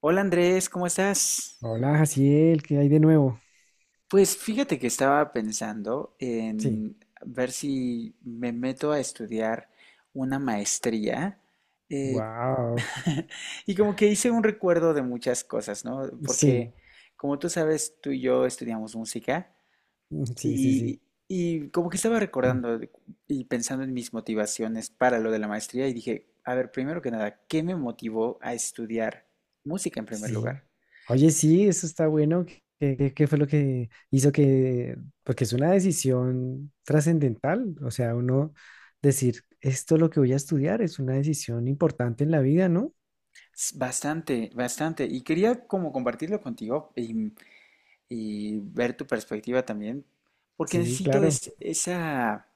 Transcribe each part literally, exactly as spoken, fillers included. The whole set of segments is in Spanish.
Hola Andrés, ¿cómo estás? Hola, Jaciel, ¿qué hay de nuevo? Pues fíjate que estaba pensando Sí. en ver si me meto a estudiar una maestría, eh, Wow. y como que hice un recuerdo de muchas cosas, ¿no? Sí, Porque como tú sabes, tú y yo estudiamos música sí, sí, sí. y, y como que estaba recordando de- y pensando en mis motivaciones para lo de la maestría y dije, a ver, primero que nada, ¿qué me motivó a estudiar música en primer Sí. lugar? Oye, sí, eso está bueno. ¿Qué, qué- qué fue lo que hizo que, porque es una decisión trascendental, o sea, uno decir, esto es lo que voy a estudiar, es una decisión importante en la vida, ¿no? S- Bastante, bastante. Y quería como compartirlo contigo y, y ver tu perspectiva también, porque Sí, necesito claro. es- esa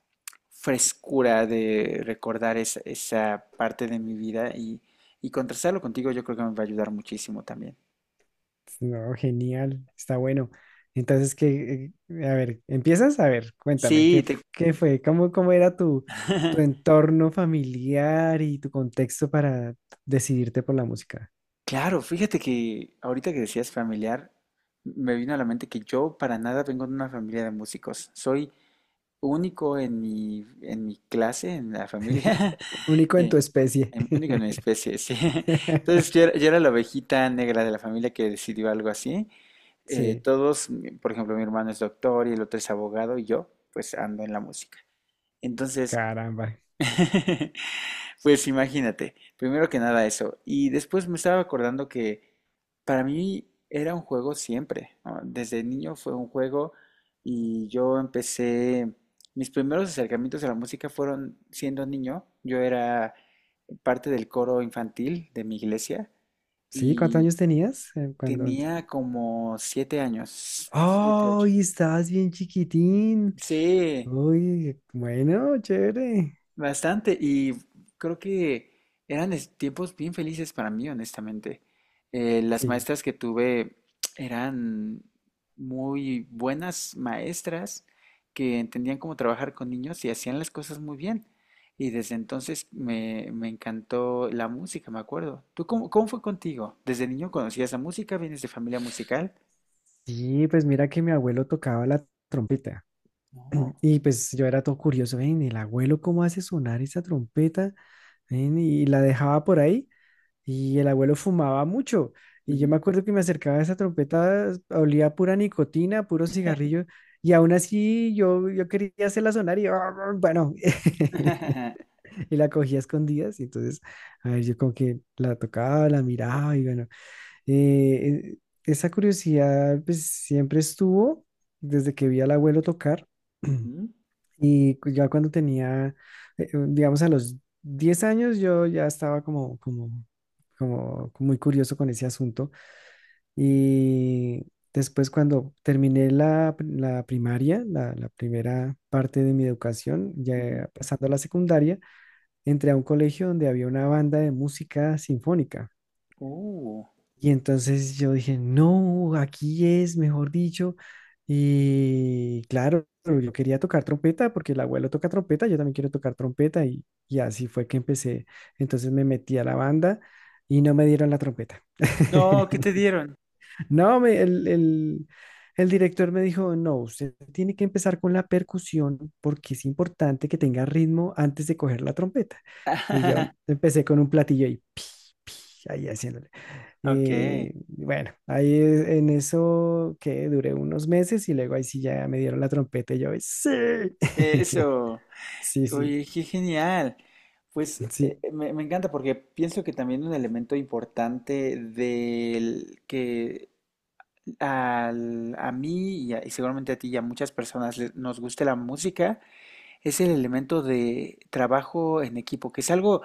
frescura de recordar esa, esa parte de mi vida y, y contrastarlo contigo yo creo que me va a ayudar muchísimo también. No, genial, está bueno. Entonces, ¿qué, eh, a ver, empiezas? A ver, cuéntame, ¿qué, Sí, f- te... qué fue? ¿Cómo, cómo era tu, tu entorno familiar y tu contexto para decidirte por la música? Claro, fíjate que ahorita que decías familiar, me vino a la mente que yo para nada vengo de una familia de músicos. Soy único en mi, en mi clase, en la familia. Único en tu especie. Em, Único en mi especie, sí. Entonces yo era, yo era la ovejita negra de la familia que decidió algo así. Eh, Sí, Todos, mi- por ejemplo, mi hermano es doctor y el otro es abogado y yo, pues ando en la música. Entonces, caramba. pues imagínate, primero que nada eso. Y después me estaba acordando que para mí era un juego siempre, ¿no? Desde niño fue un juego y yo empecé, mis primeros acercamientos a la música fueron siendo niño. Yo era parte del coro infantil de mi iglesia Sí, ¿cuántos y años tenías eh, cuando? ent- tenía como siete años, siete, ocho. ¡Ay, estabas bien chiquitín! Sí, Uy, bueno, chévere. bastante, y creo que eran es- tiempos bien felices para mí, honestamente. Eh, las Sí, maestras que tuve eran muy buenas maestras que entendían cómo trabajar con niños y hacían las cosas muy bien. Y desde entonces me, me encantó la música, me acuerdo. ¿Tú cómo, cómo fue contigo? ¿Desde niño conocías la música? ¿Vienes de familia musical? sí, pues mira que mi abuelo tocaba la trompeta. No. Y pues yo era todo curioso, ven, el abuelo cómo hace sonar esa trompeta, ven, y la dejaba por ahí, y el abuelo fumaba mucho, y yo Ujú. me acuerdo que me acercaba a esa trompeta, olía a pura nicotina, puro cigarrillo, y aún así yo, yo quería hacerla sonar, y bueno, y la cogía a escondidas, y entonces, a ver, yo como que la tocaba, la miraba, y bueno, eh, eh, esa curiosidad pues siempre estuvo desde que vi al abuelo tocar. Ujú, Y cu- ya cuando tenía, eh, eh, digamos, a los diez años, yo ya estaba como, como, como muy curioso con ese asunto. Y después cuando terminé la, pri- la primaria, la, la primera parte de mi educación, ujú. ya pasando a la secundaria, entré a un colegio donde había una banda de música sinfónica. Oh. Y entonces yo dije, no, aquí es, mejor dicho. Y claro, yo quería tocar trompeta porque el abuelo toca trompeta, yo también quiero tocar trompeta y, y así fue que empecé. Entonces me metí a la banda y no me dieron la trompeta. No, ¿qué te dieron? No, me- el, el- el director me dijo, no, usted tiene que empezar con la percusión porque es importante que tenga ritmo antes de coger la trompeta. Y yo empecé con un platillo y pi, pi, ahí haciéndole. Ok, Eh, bueno, ahí e- en eso que duré unos meses y luego ahí sí ya me dieron la trompeta y yo, sí, eso, sí, sí, oye, qué genial. Pues sí, eh, me, me encanta porque pienso que también un elemento importante del que al- a mí y, a- y seguramente a ti y a muchas personas le- nos guste la música es el elemento de trabajo en equipo, que es algo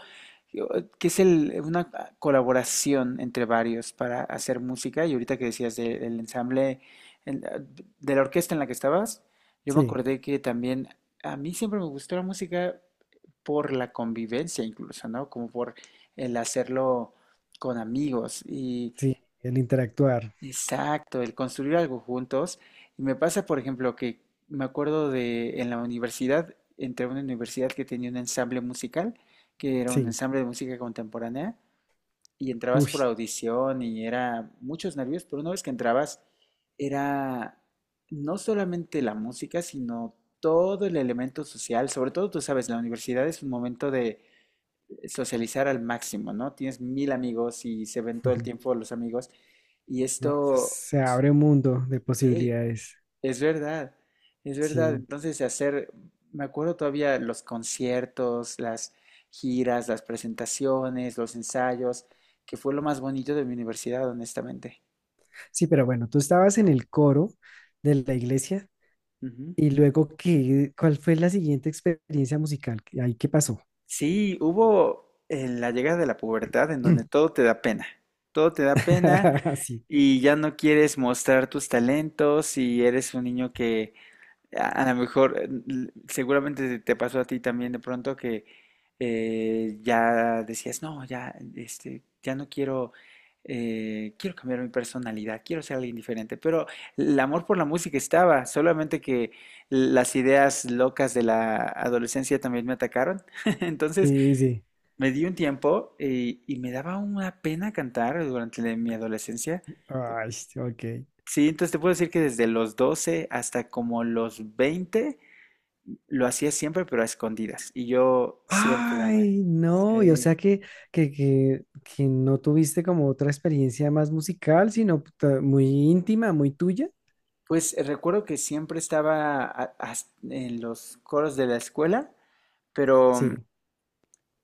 que es el- una colaboración entre varios para hacer música. Y ahorita que decías de- del ensamble, en- de la orquesta en la que estabas, yo me sí, acordé que también a mí siempre me gustó la música por la convivencia incluso, ¿no? Como por el hacerlo con amigos. Y sí, el interactuar, exacto, el construir algo juntos. Y me pasa, por ejemplo, que me acuerdo de en la universidad, entré a una universidad que tenía un ensamble musical, que era un sí, ensamble de música contemporánea, y entrabas uy, por audición y era muchos nervios, pero una vez que entrabas, era no solamente la música, sino todo el elemento social. Sobre todo, tú sabes, la universidad es un momento de socializar al máximo, ¿no? Tienes mil amigos y se ven todo el tiempo los amigos. Y no, eso esto se abre un mundo de sí, posibilidades. es verdad, es verdad. Sí, Entonces, hacer, me acuerdo todavía los conciertos, las giras, las presentaciones, los ensayos, que fue lo más bonito de mi universidad, honestamente. sí, pero bueno, tú estabas en el coro de la iglesia Ujú. y luego, ¿qué, cuál fue la siguiente experiencia musical? ¿Ahí qué pasó? Sí, hubo eh, la llegada de la pubertad en donde todo te da pena, todo te da pena y ya no quieres mostrar tus talentos y eres un niño que A a lo mejor, eh, l- seguramente te te pasó a ti también de pronto que eh, ya decías, no, ya, este, ya no quiero, eh, quiero cambiar mi personalidad, quiero ser alguien diferente. Pero el amor por la música estaba, solamente que las ideas locas de la adolescencia también me atacaron. Entonces Sí, sí, sí. me di un tiempo y, y me daba una pena cantar durante la- mi adolescencia. Ay, sí, ok. Sí, entonces te puedo decir que desde los doce hasta como los veinte lo hacía siempre, pero a escondidas. Y yo siempre gané. Ay, no, y o Sí. sea que, que, que, que no tuviste como otra experiencia más musical, sino ta- muy íntima, muy tuya. Pues eh, recuerdo que siempre estaba a- as- en los coros de la escuela, pero mm, Sí,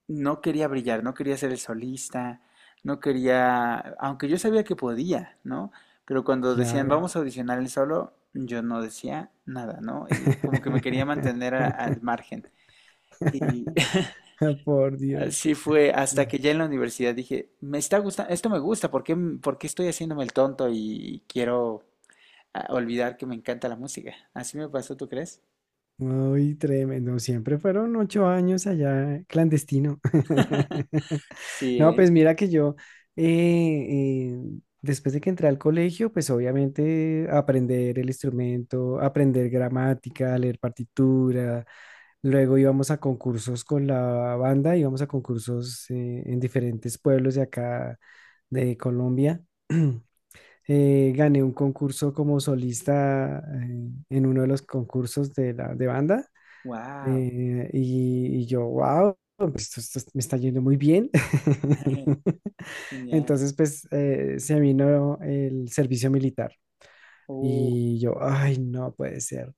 no quería brillar, no quería ser el solista, no quería, aunque yo sabía que podía, ¿no? Pero cuando decían, claro. vamos a audicionar el solo, yo no decía nada, ¿no? Y como que me quería mantener a- al margen. Y Por Dios. así fue, hasta que ya en la universidad dije, me está gustando, esto me gusta, ¿por qué, m- por qué estoy haciéndome el tonto y quiero, ah, olvidar que me encanta la música? Así me pasó, ¿tú crees? Uy, tremendo. Siempre fueron ocho años allá clandestino. Sí, No, ¿eh? pues mira que yo, eh, eh, después de que entré al colegio, pues obviamente aprender el instrumento, aprender gramática, leer partitura. Luego íbamos a concursos con la banda, íbamos a concursos eh, en diferentes pueblos de acá de Colombia. Eh, gané un concurso como solista eh, en uno de los concursos de la de banda. Wow, Eh, y, y yo, wow, esto, esto me está yendo muy bien. genial. Entonces, pues eh, se vino el servicio militar Oh, y yo, ay, no puede ser.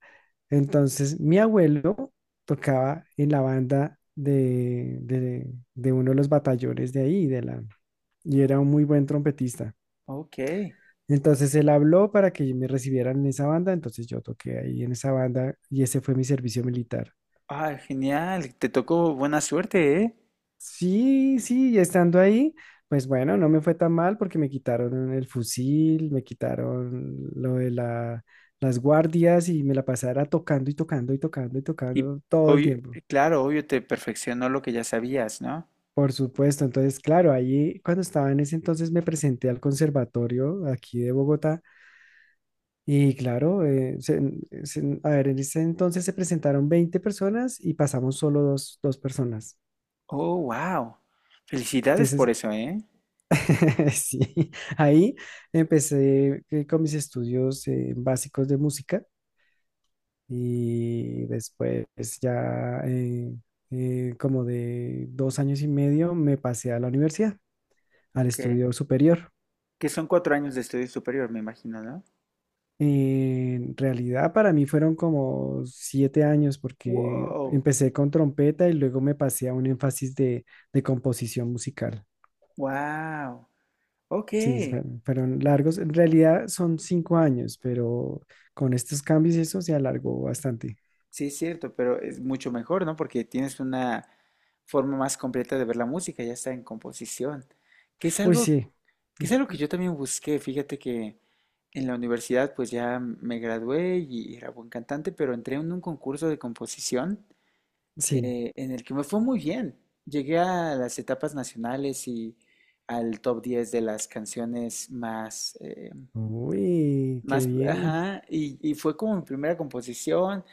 Entonces, mi abuelo tocaba en la banda de, de, de uno de los batallones de ahí, de la, y era un muy buen trompetista. ok. Entonces él habló para que me recibieran en esa banda, entonces yo toqué ahí en esa banda y ese fue mi servicio militar. Ah, genial, te tocó buena suerte, ¿eh? Sí, sí, y estando ahí, pues bueno, no me fue tan mal porque me quitaron el fusil, me quitaron lo de la- las guardias y me la pasara tocando y tocando y tocando y Y tocando todo el obvio- tiempo. claro, obvio te perfeccionó lo que ya sabías, ¿no? Por supuesto, entonces, claro, ahí cuando estaba en ese entonces me presenté al conservatorio aquí de Bogotá y claro, eh, se- se- a ver, en ese entonces se presentaron veinte personas y pasamos solo dos, dos personas. Oh, wow. Felicidades por Entonces, eso, ¿eh? sí, ahí empecé eh, con mis estudios eh, básicos de música y después ya eh, eh, como de dos años y medio me pasé a la universidad, al Ok. estudio superior. Que son cuatro años de estudio superior, me imagino, ¿no? En realidad para mí fueron como siete años porque Wow. empecé con trompeta y luego me pasé a un énfasis de de composición musical. Wow, ok, Sí, sí fue- fueron largos. En realidad son cinco años, pero con estos cambios y eso se alargó bastante. es cierto, pero es mucho mejor, ¿no? Porque tienes una forma más completa de ver la música, ya está en composición, que es Uy, algo, sí, que es algo que yo también busqué. Fíjate que en la universidad, pues ya me gradué y era buen cantante, pero entré en un concurso de composición sí. eh, en el que me fue muy bien. Llegué a las etapas nacionales y al top diez de las canciones más, eh, Uy, qué más, bien. ajá, y, y fue como mi primera composición.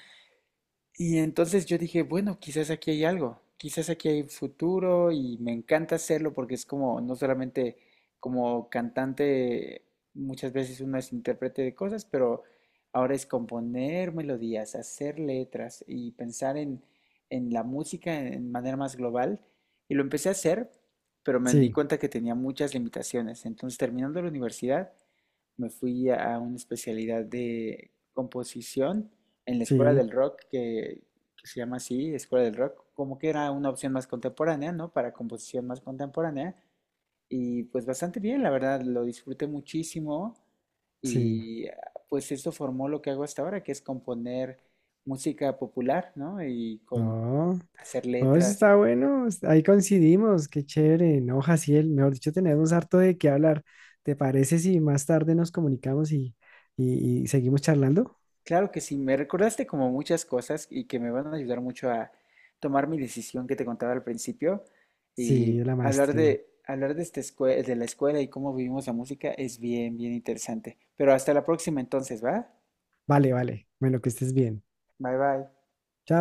Y entonces yo dije, bueno, quizás aquí hay algo, quizás aquí hay futuro y me encanta hacerlo porque es como, no solamente como cantante, muchas veces uno es intérprete de cosas, pero ahora es componer melodías, hacer letras y pensar en, en la música en, en manera más global. Y lo empecé a hacer, pero me di Sí, cuenta que tenía muchas limitaciones. Entonces, terminando la universidad, me fui a una especialidad de composición en la Escuela sí, del Rock, que, que se llama así, Escuela del Rock, como que era una opción más contemporánea, ¿no? Para composición más contemporánea. Y pues bastante bien, la verdad, lo disfruté muchísimo sí. y ah, pues esto formó lo que hago hasta ahora, que es componer música popular, ¿no? Y con No, hacer no, eso letras. está bueno. Ahí coincidimos. Qué chévere. No, Jaciel, mejor dicho, tenemos harto de qué hablar. ¿Te parece si más tarde nos comunicamos y, y y seguimos charlando? Claro que sí, me recordaste como muchas cosas y que me van a ayudar mucho a tomar mi decisión que te contaba al principio y Sí, de la hablar maestría. de hablar de esta escue- de la escuela y cómo vivimos la música es bien, bien interesante. Pero hasta la próxima entonces, ¿va? Vale, vale. Bueno, que estés bien. Bye bye.